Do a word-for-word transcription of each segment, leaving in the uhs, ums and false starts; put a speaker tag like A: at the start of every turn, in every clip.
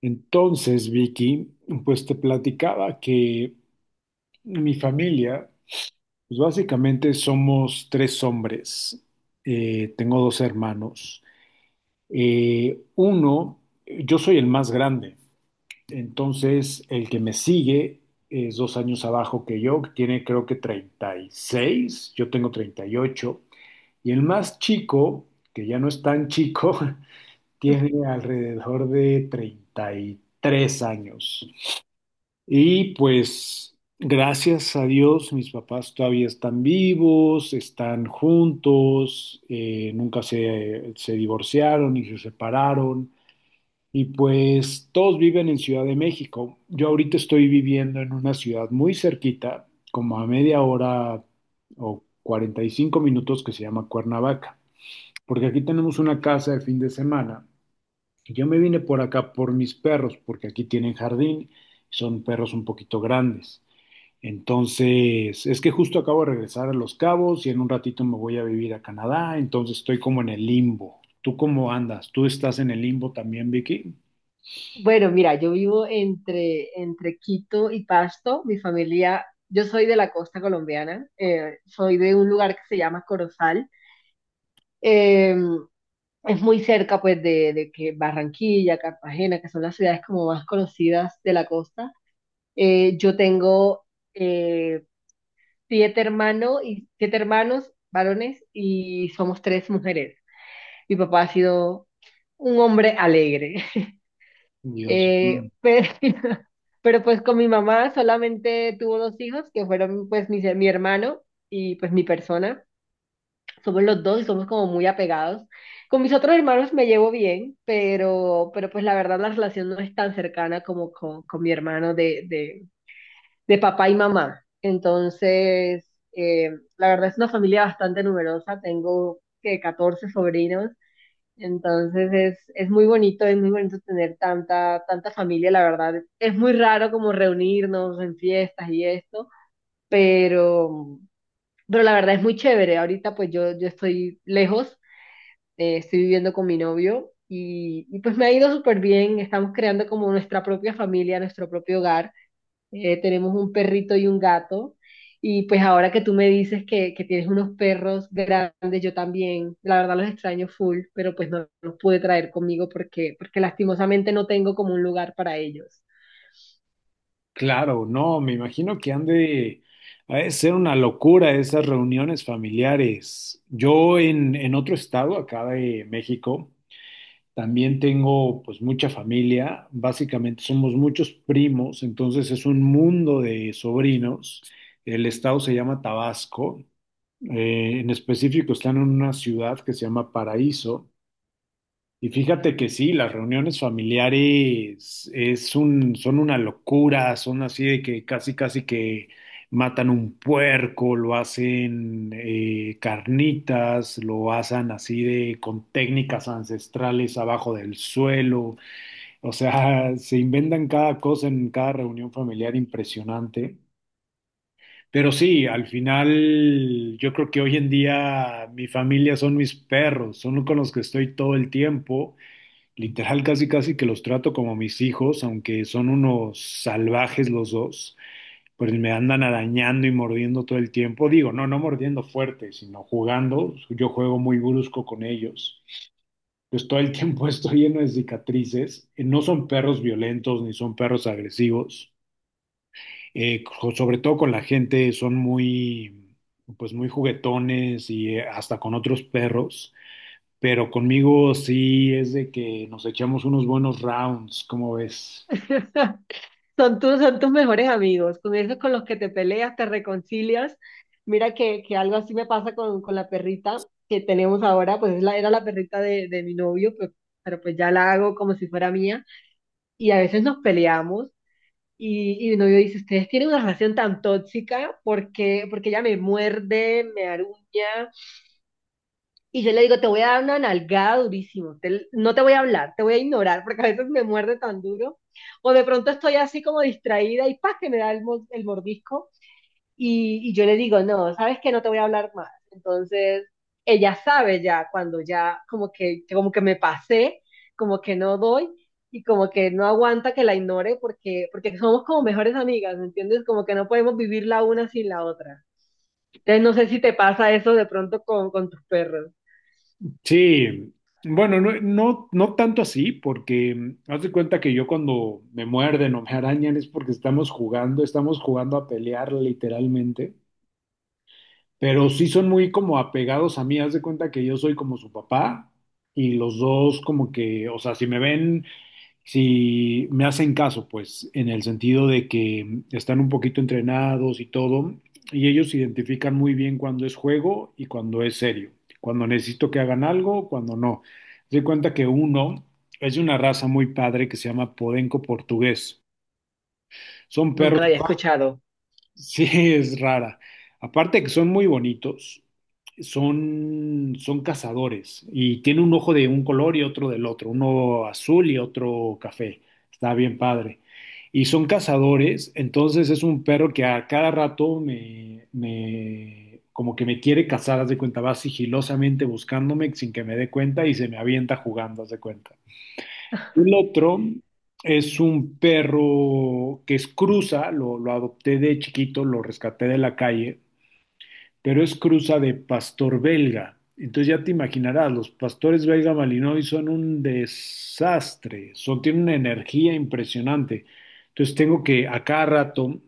A: Entonces, Vicky, pues te platicaba que mi familia, pues básicamente somos tres hombres. Eh, tengo dos hermanos. Eh, uno, yo soy el más grande. Entonces, el que me sigue es dos años abajo que yo, que tiene creo que treinta y seis. Yo tengo treinta Y ocho. Y el más chico, que ya no es tan chico, tiene alrededor de treinta y tres años. Y pues gracias a Dios mis papás todavía están vivos, están juntos, eh, nunca se, se divorciaron ni se separaron. Y pues todos viven en Ciudad de México. Yo ahorita estoy viviendo en una ciudad muy cerquita, como a media hora o cuarenta y cinco minutos, que se llama Cuernavaca, porque aquí tenemos una casa de fin de semana. Y yo me vine por acá por mis perros, porque aquí tienen jardín, son perros un poquito grandes. Entonces, es que justo acabo de regresar a Los Cabos y en un ratito me voy a vivir a Canadá, entonces estoy como en el limbo. ¿Tú cómo andas? ¿Tú estás en el limbo también, Vicky?
B: Bueno, mira, yo vivo entre, entre Quito y Pasto. Mi familia, yo soy de la costa colombiana, eh, soy de un lugar que se llama Corozal. Eh, es muy cerca, pues, de, de que Barranquilla, Cartagena, que son las ciudades como más conocidas de la costa. Eh, yo tengo eh, siete hermanos y siete hermanos varones y somos tres mujeres. Mi papá ha sido un hombre alegre.
A: Dios. Mm,
B: Eh, pero, pero pues con mi mamá solamente tuvo dos hijos, que fueron pues mi, mi hermano y pues mi persona. Somos los dos y somos como muy apegados. Con mis otros hermanos me llevo bien, pero, pero pues la verdad la relación no es tan cercana como con, con mi hermano de, de, de papá y mamá. Entonces, eh, la verdad es una familia bastante numerosa. Tengo que catorce sobrinos, entonces es, es muy bonito, es muy bonito tener tanta, tanta familia, la verdad. Es muy raro como reunirnos en fiestas y esto, pero, pero la verdad es muy chévere. Ahorita pues yo, yo estoy lejos, eh, estoy viviendo con mi novio y, y pues me ha ido súper bien. Estamos creando como nuestra propia familia, nuestro propio hogar. Eh, tenemos un perrito y un gato. Y pues ahora que tú me dices que, que tienes unos perros grandes, yo también, la verdad los extraño full, pero pues no los pude traer conmigo porque, porque lastimosamente no tengo como un lugar para ellos.
A: claro, no, me imagino que han de, ha de ser una locura esas reuniones familiares. Yo en, en otro estado, acá de México, También tengo pues mucha familia, básicamente somos muchos primos, entonces es un mundo de sobrinos. El estado se llama Tabasco. Eh, en específico están en una ciudad que se llama Paraíso. Y fíjate que sí, las reuniones familiares es un, son una locura, son así de que casi casi que matan un puerco, lo hacen eh, carnitas, lo hacen así de con técnicas ancestrales abajo del suelo, o sea, se inventan cada cosa en cada reunión familiar impresionante. Pero sí, al final yo creo que hoy en día mi familia son mis perros, son con los que estoy todo el tiempo. Literal, casi casi que los trato como mis hijos, aunque son unos salvajes los dos, pues me andan arañando y mordiendo todo el tiempo. Digo, no, no mordiendo fuerte, sino jugando. Yo juego muy brusco con ellos. Pues todo el tiempo estoy lleno de cicatrices. Eh, No son perros violentos ni son perros agresivos. Eh, co- sobre todo con la gente son muy, pues muy juguetones y eh, hasta con otros perros, pero conmigo sí es de que nos echamos unos buenos rounds. ¿Cómo ves?
B: Son tus, son tus mejores amigos, con esos con los que te peleas, te reconcilias. Mira que, que algo así me pasa con, con la perrita que tenemos ahora, pues es la, era la perrita de, de mi novio, pero, pero pues ya la hago como si fuera mía. Y a veces nos peleamos. Y, y mi novio dice, ustedes tienen una relación tan tóxica porque, porque ella me muerde, me aruña. Y yo le digo, te voy a dar una nalgada durísimo, te- no te voy a hablar, te voy a ignorar porque a veces me muerde tan duro. O de pronto estoy así como distraída y ¡pah! Que me da el, mo- el mordisco. Y, y yo le digo, no, sabes que no te voy a hablar más. Entonces, ella sabe ya cuando ya como que, como que me pasé, como que no doy y como que no aguanta que la ignore porque, porque somos como mejores amigas, ¿me entiendes? Como que no podemos vivir la una sin la otra. Entonces, no sé si te pasa eso de pronto con, con tus perros.
A: Sí, bueno, no, no, no tanto así, porque mm, haz de cuenta que yo cuando me muerden o me arañan es porque estamos jugando, estamos jugando a pelear literalmente, pero sí son muy como apegados a mí, haz de cuenta que yo soy como su papá y los dos como que, o sea, si me ven... si me hacen caso, pues, en el sentido de que mm, están un poquito entrenados y todo, y ellos identifican muy bien cuando es juego y cuando es serio, cuando necesito que hagan algo, cuando no. Se doy cuenta que uno es de una raza muy padre que se llama Podenco portugués. Son perros.
B: Nunca lo había escuchado.
A: Sí, es rara. Aparte que son muy bonitos, son, son cazadores y tiene un ojo de un color y otro del otro, uno azul y otro café. Está bien padre. Y son cazadores, entonces es un perro que a cada rato me, me como que me quiere cazar, haz de cuenta, va sigilosamente buscándome sin que me dé cuenta y se me avienta jugando, haz de cuenta. El otro es un perro que es cruza, lo, lo adopté de chiquito, lo rescaté de la calle, pero es cruza de pastor belga. Entonces ya te imaginarás, los pastores belga malinois son un desastre, son, tienen una energía impresionante. Entonces tengo que a cada rato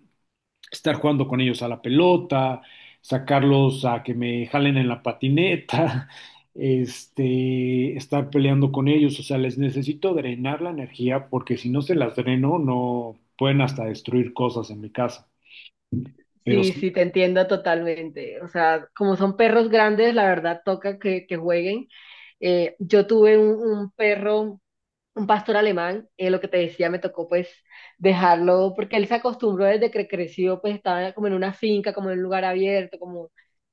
A: estar jugando con ellos a la pelota, sacarlos a que me jalen en la patineta, este, estar peleando con ellos, o sea, les necesito drenar la energía porque si no se las dreno, no pueden hasta destruir cosas en mi casa. Pero
B: Sí,
A: sí,
B: sí, te entiendo totalmente. O sea, como son perros grandes, la verdad toca que, que jueguen. Eh, yo tuve un, un perro, un pastor alemán, eh, lo que te decía, me tocó pues dejarlo, porque él se acostumbró desde que creció, pues estaba como en una finca, como en un lugar abierto, como,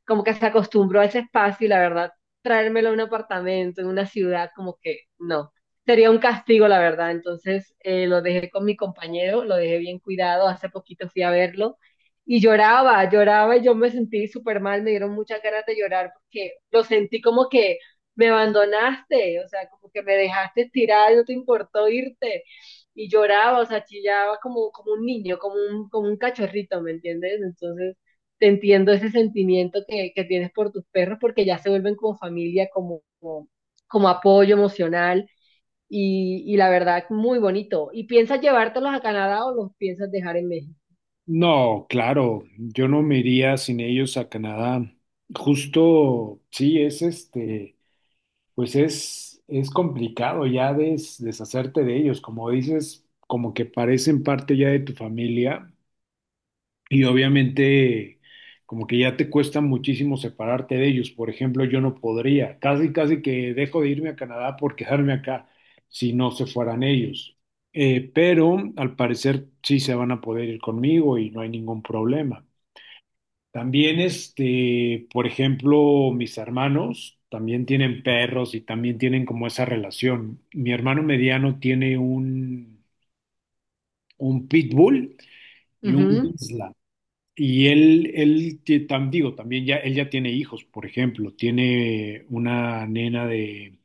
B: como que se acostumbró a ese espacio y la verdad, traérmelo a un apartamento, en una ciudad, como que no, sería un castigo, la verdad. Entonces eh, lo dejé con mi compañero, lo dejé bien cuidado, hace poquito fui a verlo. Y lloraba, lloraba y yo me sentí súper mal, me dieron muchas ganas de llorar porque lo sentí como que me abandonaste, o sea, como que me dejaste tirada y no te importó irte. Y lloraba, o sea, chillaba como, como un niño, como un, como un cachorrito, ¿me entiendes? Entonces, te entiendo ese sentimiento que, que tienes por tus perros porque ya se vuelven como familia, como, como, como apoyo emocional y, y la verdad, muy bonito. ¿Y piensas llevártelos a Canadá o los piensas dejar en México?
A: no, claro, yo no me iría sin ellos a Canadá. Justo, sí, es este, pues es, es complicado ya des- deshacerte de ellos, como dices, como que parecen parte ya de tu familia. Y obviamente, como que ya te cuesta muchísimo separarte de ellos. Por ejemplo, yo no podría, casi, casi que dejo de irme a Canadá por quedarme acá si no se fueran ellos. Eh, pero al parecer sí se van a poder ir conmigo y no hay ningún problema. También, este, por ejemplo, mis hermanos también tienen perros y también tienen como esa relación. Mi hermano mediano tiene un, un pitbull y un
B: Ujú.
A: Bichla. Y él, él te- tam- digo, también ya, él ya tiene hijos, por ejemplo, tiene una nena de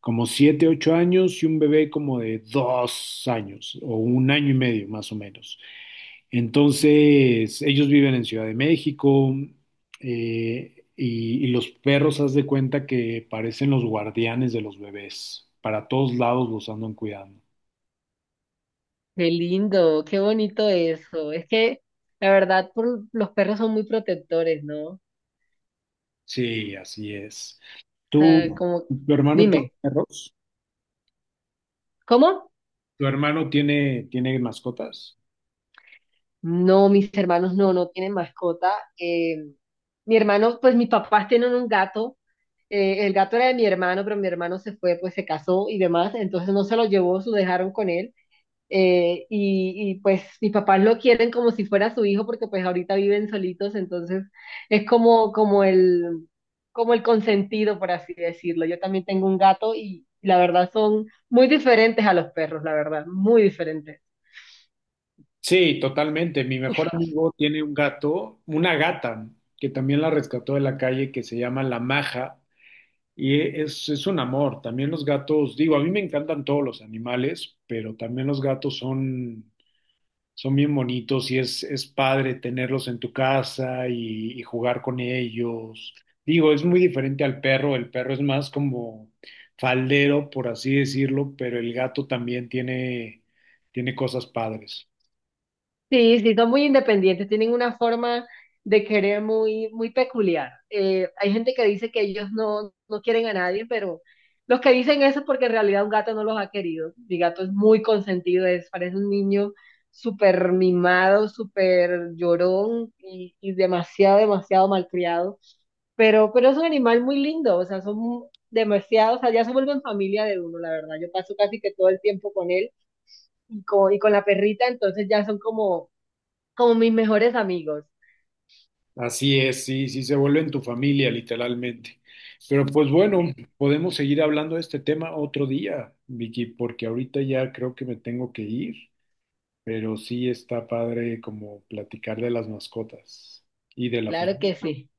A: como siete, ocho años y un bebé como de dos años o un año y medio más o menos. Entonces, ellos viven en Ciudad de México, eh, y, y los perros, haz de cuenta que parecen los guardianes de los bebés. Para todos lados los andan cuidando.
B: Qué lindo, qué bonito eso. Es que la verdad, por, los perros son muy protectores, ¿no?
A: Sí, así es.
B: Sea,
A: ¿Tú,
B: como,
A: tu hermano tiene
B: dime,
A: perros?
B: ¿cómo?
A: ¿Tu hermano tiene, tiene mascotas?
B: No, mis hermanos no, no tienen mascota. Eh, Mi hermano, pues mis papás tienen un gato. Eh, el gato era de mi hermano, pero mi hermano se fue, pues se casó y demás, entonces no se lo llevó, se lo dejaron con él. eh, y, y, pues mis papás lo quieren como si fuera su hijo, porque pues ahorita viven solitos, entonces es como, como el, como el consentido, por así decirlo. Yo también tengo un gato y la verdad son muy diferentes a los perros, la verdad, muy diferentes.
A: Sí, totalmente. Mi mejor amigo tiene un gato, una gata, que también la rescató de la calle, que se llama La Maja, y es, es un amor. También los gatos, digo, a mí me encantan todos los animales, pero también los gatos son son bien bonitos y es, es padre tenerlos en tu casa y, y jugar con ellos. Digo, es muy diferente al perro, el perro es más como faldero, por así decirlo, pero el gato también tiene, tiene cosas padres.
B: Sí, sí, son muy independientes, tienen una forma de querer muy, muy peculiar. Eh, hay gente que dice que ellos no, no quieren a nadie, pero los que dicen eso es porque en realidad un gato no los ha querido. Mi gato es muy consentido, es, parece un niño súper mimado, súper llorón y, y demasiado, demasiado malcriado. Pero, pero es un animal muy lindo, o sea, son demasiado, o sea, ya se vuelven familia de uno, la verdad. Yo paso casi que todo el tiempo con él y con, y con la perrita, entonces ya son como como mis mejores amigos.
A: Así es, sí, sí, se vuelven tu familia, literalmente. Pero pues bueno, podemos seguir hablando de este tema otro día, Vicky, porque ahorita ya creo que me tengo que ir, pero sí está padre como platicar de las mascotas y de la
B: Claro
A: familia.
B: que sí.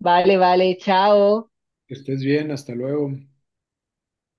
B: Vale, vale, chao.
A: Que estés bien, hasta luego.